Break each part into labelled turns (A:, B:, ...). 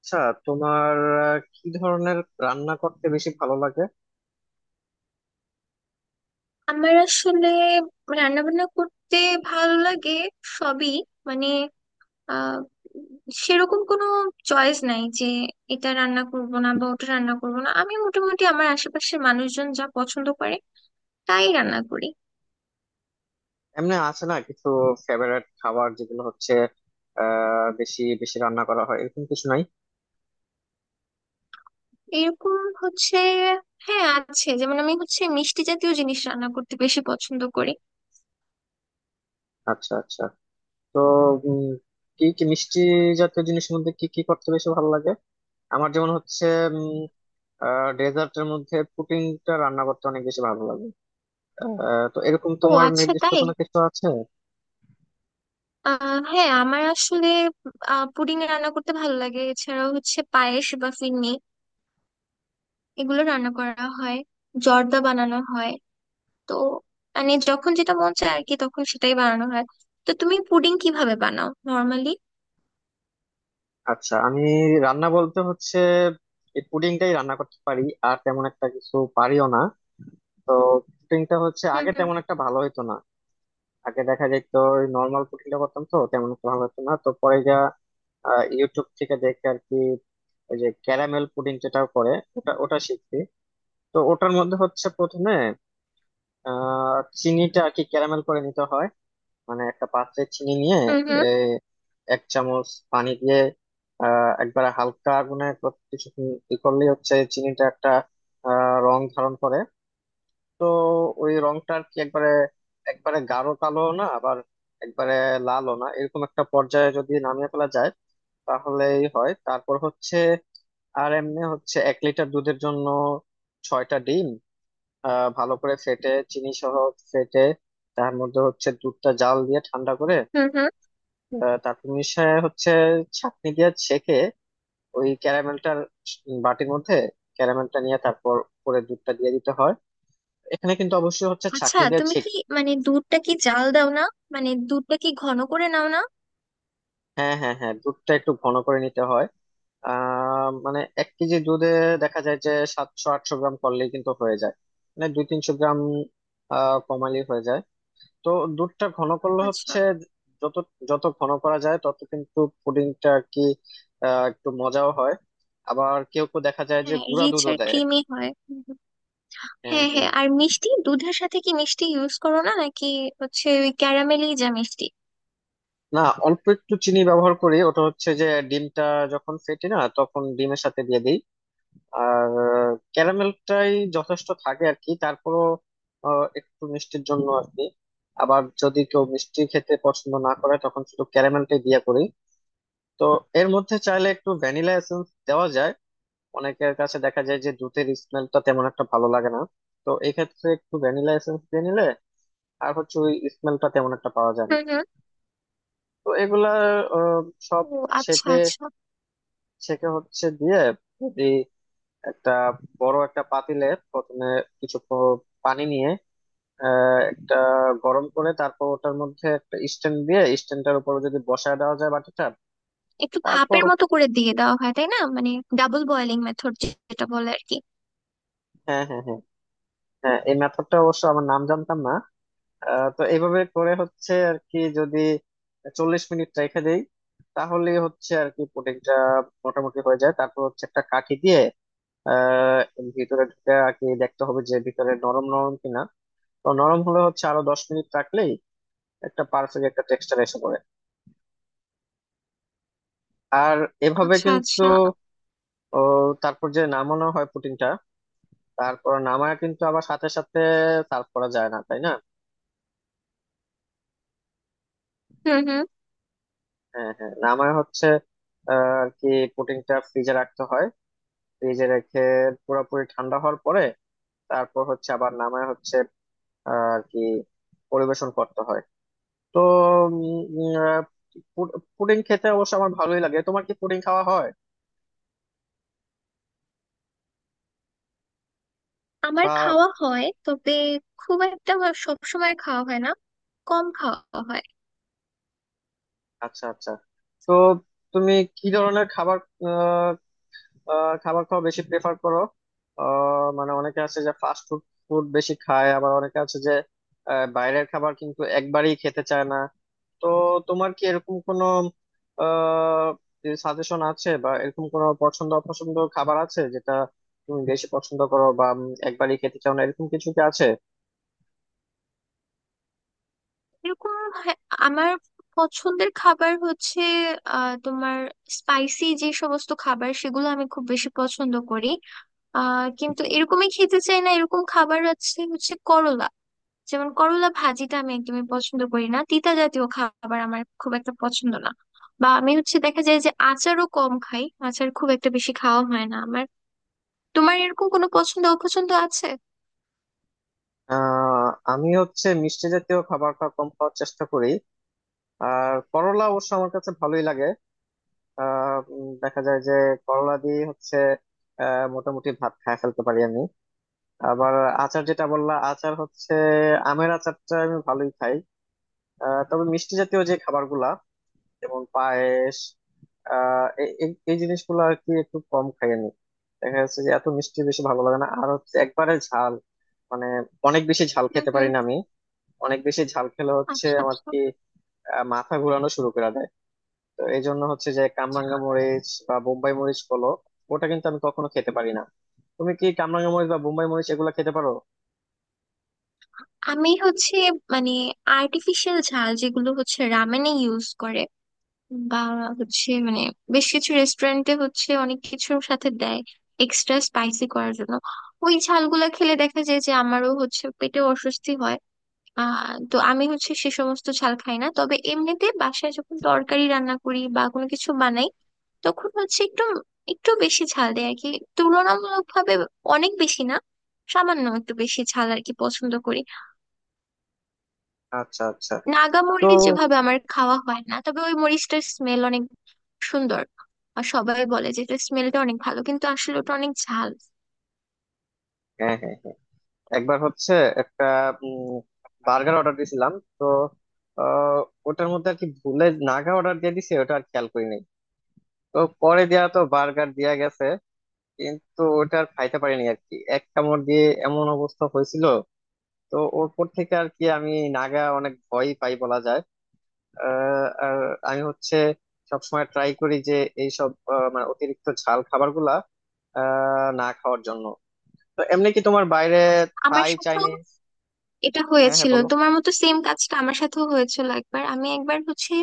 A: আচ্ছা, তোমার কি ধরনের রান্না করতে বেশি ভালো লাগে?
B: আমার আসলে রান্না বান্না করতে ভালো লাগে সবই। মানে আহ সেরকম কোনো চয়েস নাই যে এটা রান্না করব না বা ওটা রান্না করব না। আমি মোটামুটি আমার আশেপাশের মানুষজন যা পছন্দ করে তাই রান্না করি।
A: এমনি আছে না কিছু ফেভারিট খাবার যেগুলো হচ্ছে বেশি বেশি রান্না করা হয়, এরকম কিছু নাই?
B: এরকম হচ্ছে হ্যাঁ আছে, যেমন আমি হচ্ছে মিষ্টি জাতীয় জিনিস রান্না করতে বেশি পছন্দ করি।
A: আচ্ছা, আচ্ছা। তো উম, কি কি মিষ্টি জাতীয় জিনিসের মধ্যে কি কি করতে বেশি ভালো লাগে? আমার যেমন হচ্ছে ডেজার্টের মধ্যে পুডিংটা রান্না করতে অনেক বেশি ভালো লাগে। তো এরকম
B: ও
A: তোমার
B: আচ্ছা,
A: নির্দিষ্ট
B: তাই?
A: কোনো কিছু আছে?
B: হ্যাঁ, আমার আসলে পুডিং রান্না করতে ভালো লাগে, এছাড়াও হচ্ছে পায়েস বা ফিরনি এগুলো রান্না করা হয়, জর্দা বানানো হয়। তো মানে যখন যেটা মন চায় আর কি তখন সেটাই বানানো হয়। তো তুমি পুডিং কিভাবে বানাও নর্মালি?
A: আচ্ছা, আমি রান্না বলতে হচ্ছে এই পুডিংটাই রান্না করতে পারি, আর তেমন একটা কিছু পারিও না। তো শুটিংটা হচ্ছে
B: হুম
A: আগে
B: হুম।
A: তেমন একটা ভালো হতো না। আগে দেখা যেত নর্মাল শুটিংটা করতাম তো তেমন একটা ভালো হতো না, তো পরে যা ইউটিউব থেকে দেখে আর কি, ওই যে ক্যারামেল পুডিং যেটা করে ওটা ওটা শিখছি। তো ওটার মধ্যে হচ্ছে প্রথমে আহ চিনিটা আর কি ক্যারামেল করে নিতে হয়, মানে একটা পাত্রে চিনি নিয়ে
B: হুম হুম।
A: এ, 1 চামচ পানি দিয়ে একবারে হালকা আগুনে কিছুক্ষণ ই করলেই হচ্ছে চিনিটা একটা রং ধারণ করে। তো ওই রংটার কি একবারে, একবারে গাঢ় কালো না, আবার একবারে লালও না, এরকম একটা পর্যায়ে যদি নামিয়ে ফেলা যায় তাহলেই হয়। তারপর হচ্ছে, আর এমনি হচ্ছে 1 লিটার দুধের জন্য ছয়টা ডিম ভালো করে ফেটে, চিনি সহ ফেটে, তার মধ্যে হচ্ছে দুধটা জাল দিয়ে ঠান্ডা করে
B: হুম হুম।
A: তারপর মিশিয়ে হচ্ছে ছাঁকনি দিয়ে ছেঁকে ওই ক্যারামেলটার বাটির মধ্যে ক্যারামেলটা নিয়ে তারপর উপরে দুধটা দিয়ে দিতে হয়। এখানে কিন্তু অবশ্যই হচ্ছে
B: আচ্ছা,
A: ছাঁকনি দিয়ে।
B: তুমি কি মানে দুধটা কি জাল দাও না, মানে দুধটা কি ঘন করে নাও না?
A: হ্যাঁ, হ্যাঁ, হ্যাঁ, দুধটা একটু ঘন করে নিতে হয়। মানে 1 কেজি দুধে দেখা যায় যে 700-800 গ্রাম করলেই কিন্তু হয়ে যায়, মানে 200-300 গ্রাম কমালেই হয়ে যায়। তো দুধটা ঘন করলে
B: আচ্ছা।
A: হচ্ছে যত যত ঘন করা যায় তত কিন্তু পুডিংটা আর কি একটু মজাও হয়। আবার কেউ কেউ দেখা যায় যে
B: হ্যাঁ,
A: গুঁড়া
B: রিচ
A: দুধও
B: আর
A: দেয়।
B: ক্রিমি হয়। হুম, হুম।
A: হ্যাঁ,
B: হ্যাঁ
A: হ্যাঁ।
B: হ্যাঁ, আর মিষ্টি দুধের সাথে কি মিষ্টি ইউজ করো না নাকি হচ্ছে ওই ক্যারামেলি যা মিষ্টি?
A: না, অল্প একটু চিনি ব্যবহার করি, ওটা হচ্ছে যে ডিমটা যখন ফেটে না তখন ডিমের সাথে দিয়ে দিই। আর ক্যারামেলটাই যথেষ্ট থাকে আর কি, তারপরও একটু মিষ্টির জন্য আর কি। আবার যদি কেউ মিষ্টি খেতে পছন্দ না করে তখন শুধু ক্যারামেলটাই দিয়ে করি। তো এর মধ্যে চাইলে একটু ভ্যানিলা এসেন্স দেওয়া যায়। অনেকের কাছে দেখা যায় যে দুধের স্মেলটা তেমন একটা ভালো লাগে না, তো এক্ষেত্রে একটু ভ্যানিলা এসেন্স দিয়ে নিলে আর হচ্ছে ওই স্মেলটা তেমন একটা পাওয়া যায় না।
B: হুম হুম।
A: তো এগুলা আহ, সব
B: ও আচ্ছা
A: ছেঁকে,
B: আচ্ছা।
A: ছেঁকে হচ্ছে দিয়ে, যদি একটা বড় একটা পাতিলে প্রথমে কিছু পানি নিয়ে একটা গরম করে তারপর ওটার মধ্যে একটা স্ট্যান্ড দিয়ে স্ট্যান্ডটার উপর যদি বসায় দেওয়া যায় বাটিটা।
B: একটু
A: তারপর
B: ভাপের মতো করে দিয়ে দেওয়া হয় তাই না, মানে ডাবল বয়েলিং মেথড যেটা বলে আর কি।
A: হ্যাঁ, হ্যাঁ, হ্যাঁ, হ্যাঁ, এই মেথডটা অবশ্য আমার নাম জানতাম না। তো এইভাবে করে হচ্ছে আর কি, যদি 40 মিনিট রেখে দেই তাহলে হচ্ছে আর কি পুডিংটা মোটামুটি হয়ে যায়। তারপর হচ্ছে একটা কাঠি দিয়ে আহ ভিতরে ঢুকে আর কি দেখতে হবে যে ভিতরে নরম নরম কিনা। তো নরম হলে হচ্ছে আরো 10 মিনিট রাখলেই একটা পারফেক্ট একটা টেক্সচার এসে পড়ে। আর এভাবে
B: আচ্ছা
A: কিন্তু
B: আচ্ছা।
A: ও, তারপর যে নামানো হয় পুটিংটা, তারপর নামায় কিন্তু আবার সাথে সাথে সার্ভ করা যায় না, তাই না?
B: হুম হুম।
A: হ্যাঁ, হ্যাঁ, নামায় হচ্ছে আহ, আর কি পুটিংটা ফ্রিজে রাখতে হয়। ফ্রিজে রেখে পুরোপুরি ঠান্ডা হওয়ার পরে তারপর হচ্ছে আবার নামায় হচ্ছে আর কি পরিবেশন করতে হয়। তো উম, আহ, পুডিং খেতে অবশ্য আমার ভালোই লাগে। তোমার কি পুডিং খাওয়া হয়
B: আমার
A: বা?
B: খাওয়া হয়, তবে খুব একটা সব সময় খাওয়া হয় না, কম খাওয়া হয়।
A: আচ্ছা, আচ্ছা। তো তুমি কি ধরনের খাবার আহ, আহ, খাবার খাওয়া বেশি প্রেফার করো? মানে অনেকে আছে যে ফাস্ট ফুড ফুড বেশি খায়, আবার অনেকে আছে যে বাইরের খাবার কিন্তু একবারই খেতে চায় না। তো তোমার কি এরকম কোনো সাজেশন আছে বা এরকম কোনো পছন্দ অপছন্দ খাবার আছে যেটা তুমি বেশি পছন্দ করো বা একবারই খেতে চাও না, এরকম কিছু কি আছে?
B: এরকম হ্যাঁ, আমার পছন্দের খাবার হচ্ছে তোমার স্পাইসি যে সমস্ত খাবার সেগুলো আমি খুব বেশি পছন্দ করি। কিন্তু এরকমই খেতে চাই না এরকম খাবার আছে হচ্ছে করলা। যেমন করলা ভাজিটা আমি একদমই পছন্দ করি না, তিতা জাতীয় খাবার আমার খুব একটা পছন্দ না। বা আমি হচ্ছে দেখা যায় যে আচারও কম খাই, আচার খুব একটা বেশি খাওয়া হয় না আমার। তোমার এরকম কোনো পছন্দ অপছন্দ আছে?
A: আহ আমি হচ্ছে মিষ্টি জাতীয় খাবারটা কম খাওয়ার চেষ্টা করি। আর করলা অবশ্য আমার কাছে ভালোই লাগে। দেখা যায় যে করলা দিয়ে হচ্ছে মোটামুটি ভাত খায় ফেলতে পারি আমি। আবার আচার যেটা বললা, আচার হচ্ছে আমের আচারটা আমি ভালোই খাই। তবে মিষ্টি জাতীয় যে খাবারগুলা যেমন পায়েস, এই এই এই জিনিসগুলো আর কি একটু কম খাই আমি। দেখা যাচ্ছে যে এত মিষ্টি বেশি ভালো লাগে না। আর হচ্ছে একবারে ঝাল, মানে অনেক বেশি ঝাল
B: হুম
A: খেতে পারি
B: হুম।
A: না আমি। অনেক বেশি ঝাল খেলে হচ্ছে
B: আচ্ছা
A: আমার
B: আচ্ছা।
A: কি মাথা ঘোরানো শুরু করে দেয়। তো এই জন্য হচ্ছে যে কামরাঙ্গা মরিচ বা বোম্বাই মরিচ বলো, ওটা কিন্তু আমি কখনো খেতে পারি না। তুমি কি কামরাঙ্গা মরিচ বা বোম্বাই মরিচ এগুলা খেতে পারো?
B: আমি হচ্ছে মানে আর্টিফিশিয়াল ঝাল যেগুলো হচ্ছে রামেনে ইউজ করে বা হচ্ছে মানে বেশ কিছু রেস্টুরেন্টে হচ্ছে অনেক কিছুর সাথে দেয় এক্সট্রা স্পাইসি করার জন্য, ওই ঝালগুলা খেলে দেখা যায় যে আমারও হচ্ছে পেটে অস্বস্তি হয়। তো আমি হচ্ছে সে সমস্ত ঝাল খাই না, তবে এমনিতে বাসায় যখন তরকারি রান্না করি বা কোনো কিছু বানাই তখন হচ্ছে একটু একটু বেশি ঝাল দেয় আর কি, তুলনামূলক ভাবে অনেক বেশি না, সামান্য একটু বেশি ঝাল আর কি পছন্দ করি।
A: আচ্ছা, আচ্ছা।
B: নাগা
A: তো
B: মরিচ যেভাবে আমার খাওয়া হয় না, তবে ওই মরিচটার স্মেল অনেক সুন্দর। আর সবাই বলে যে এটা স্মেলটা অনেক ভালো কিন্তু আসলে ওটা অনেক ঝাল।
A: হ্যাঁ, হ্যাঁ, হ্যাঁ, একবার হচ্ছে একটা বার্গার অর্ডার দিয়েছিলাম। তো আহ, ওটার মধ্যে আর কি ভুলে নাগা অর্ডার দিয়ে দিছে, ওটা আর খেয়াল করি নাই। তো পরে দেয়া, তো বার্গার দেয়া গেছে কিন্তু ওটা আর খাইতে পারিনি আর কি, এক কামড় দিয়ে এমন অবস্থা হয়েছিল। তো ওর পর থেকে আর কি আমি নাগা অনেক ভয় পাই বলা যায়। আর আমি হচ্ছে সবসময় ট্রাই করি যে এইসব মানে অতিরিক্ত ঝাল খাবার গুলা না খাওয়ার জন্য। তো এমনি কি তোমার বাইরে
B: আমার
A: থাই
B: সাথেও
A: চাইনিজ?
B: এটা
A: হ্যাঁ, হ্যাঁ,
B: হয়েছিল,
A: বলো।
B: তোমার মতো সেম কাজটা আমার সাথেও হয়েছিল একবার। আমি একবার হচ্ছে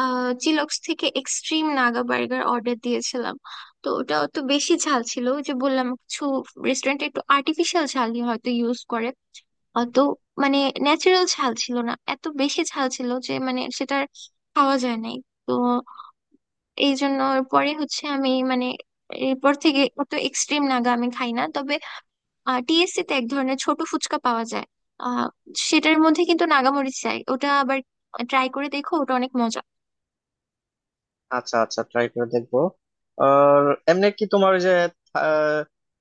B: চিলক্স থেকে এক্সট্রিম নাগা বার্গার অর্ডার দিয়েছিলাম, তো ওটা তো বেশি ঝাল ছিল। ওই যে বললাম কিছু রেস্টুরেন্টে একটু আর্টিফিশিয়াল ঝালই হয়তো ইউজ করে, অত মানে ন্যাচারাল ঝাল ছিল না, এত বেশি ঝাল ছিল যে মানে সেটার খাওয়া যায় নাই। তো এই জন্য পরে হচ্ছে আমি মানে এরপর থেকে অত এক্সট্রিম নাগা আমি খাই না, তবে টিএসসি তে এক ধরনের ছোট ফুচকা পাওয়া যায়, আহ সেটার মধ্যে কিন্তু নাগা মরিচ দেয়, ওটা আবার ট্রাই করে দেখো, ওটা অনেক মজা।
A: আচ্ছা, আচ্ছা, ট্রাই করে দেখবো। আর এমনি কি তোমার ওই যে আহ,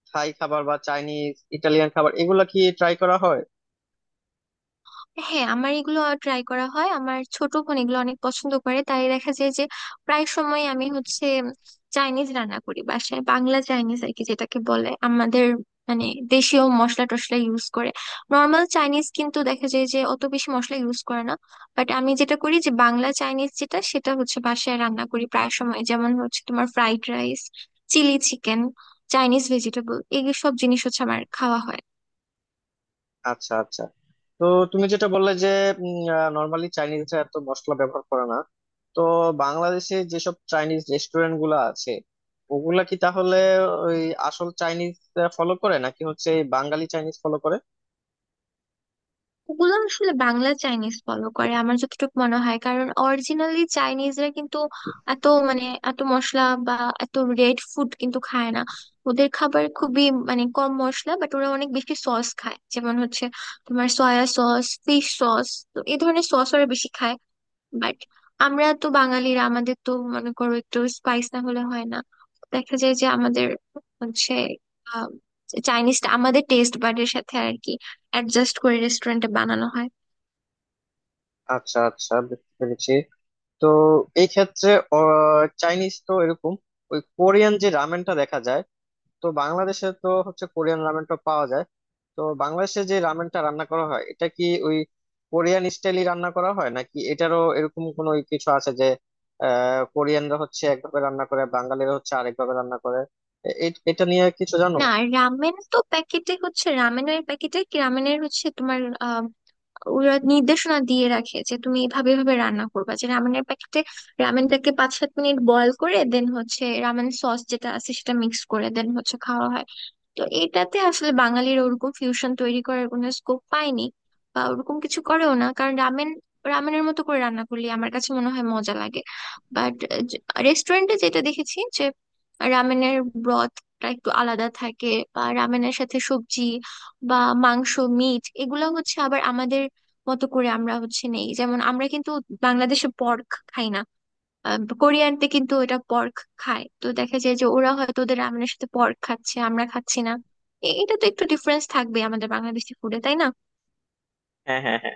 A: থাই খাবার বা চাইনিজ, ইটালিয়ান খাবার এগুলা কি ট্রাই করা হয়?
B: হ্যাঁ, আমার এগুলো ট্রাই করা হয়, আমার ছোট বোন এগুলো অনেক পছন্দ করে তাই দেখা যায় যে প্রায় সময় আমি হচ্ছে চাইনিজ রান্না করি বাসায়, বাংলা চাইনিজ আর কি যেটাকে বলে আমাদের, মানে দেশীয় মশলা টশলা ইউজ করে। নর্মাল চাইনিজ কিন্তু দেখা যায় যে অত বেশি মশলা ইউজ করে না, বাট আমি যেটা করি যে বাংলা চাইনিজ যেটা সেটা হচ্ছে বাসায় রান্না করি প্রায় সময়, যেমন হচ্ছে তোমার fried rice, chilli chicken, Chinese vegetable এই সব জিনিস হচ্ছে আমার খাওয়া হয়।
A: আচ্ছা, আচ্ছা। তো তুমি যেটা বললে যে নর্মালি চাইনিজরা এত মশলা ব্যবহার করে না, তো বাংলাদেশে যেসব চাইনিজ রেস্টুরেন্ট গুলো আছে ওগুলা কি তাহলে ওই আসল চাইনিজ ফলো করে নাকি হচ্ছে এই বাঙালি চাইনিজ ফলো করে?
B: ওগুলো আসলে বাংলা চাইনিজ ফলো করে আমার যতটুকু মনে হয়, কারণ অরিজিনালি চাইনিজরা কিন্তু এত মানে এত মশলা বা এত রেড ফুড কিন্তু খায় না। ওদের খাবার খুবই মানে কম মশলা, বাট ওরা অনেক বেশি সস খায়, যেমন হচ্ছে তোমার সয়া সস, ফিশ সস, তো এই ধরনের সস ওরা বেশি খায়। বাট আমরা তো বাঙালিরা, আমাদের তো মনে করো একটু স্পাইস না হলে হয় না, দেখা যায় যে আমাদের হচ্ছে চাইনিজটা আমাদের টেস্ট বাডের সাথে আর কি অ্যাডজাস্ট করে রেস্টুরেন্টে বানানো হয়।
A: আচ্ছা, আচ্ছা, বুঝতে পেরেছি। তো এই ক্ষেত্রে চাইনিজ তো এরকম, ওই কোরিয়ান যে রামেনটা দেখা যায়, তো বাংলাদেশে তো হচ্ছে কোরিয়ান রামেনটা পাওয়া যায়। তো বাংলাদেশে যে রামেনটা রান্না করা হয় এটা কি ওই কোরিয়ান স্টাইলই রান্না করা হয় নাকি এটারও এরকম কোনো ওই কিছু আছে যে কোরিয়ানরা হচ্ছে একভাবে রান্না করে বাঙালিরা হচ্ছে আরেকভাবে রান্না করে, এটা নিয়ে কিছু জানো?
B: না। রামেন তো প্যাকেটে হচ্ছে, রামেনের প্যাকেটে কি রামেনের হচ্ছে তোমার আহ, ওরা নির্দেশনা দিয়ে রাখে যে তুমি এভাবে এভাবে রান্না করবা, যে রামেনের প্যাকেটে রামেনটাকে 5-7 মিনিট বয়ল করে দেন হচ্ছে রামেন সস যেটা আছে সেটা মিক্স করে দেন হচ্ছে খাওয়া হয়। তো এটাতে আসলে বাঙালির ওরকম ফিউশন তৈরি করার কোনো স্কোপ পায়নি বা ওরকম কিছু করেও না, কারণ রামেন রামেনের মতো করে রান্না করলে আমার কাছে মনে হয় মজা লাগে। বাট রেস্টুরেন্টে যেটা দেখেছি যে রামেনের ব্রথটা একটু আলাদা থাকে, বা রামেনের সাথে সবজি বা মাংস, মিট এগুলো হচ্ছে আবার আমাদের মতো করে আমরা হচ্ছে নেই। যেমন আমরা কিন্তু বাংলাদেশে পর্ক খাই না, কোরিয়ানতে কিন্তু এটা পর্ক খায়, তো দেখা যায় যে ওরা হয়তো ওদের রামেনের সাথে পর্ক খাচ্ছে, আমরা খাচ্ছি না। এটা তো একটু ডিফারেন্স থাকবে আমাদের বাংলাদেশি ফুডে তাই না?
A: হ্যাঁ, হ্যাঁ, হ্যাঁ।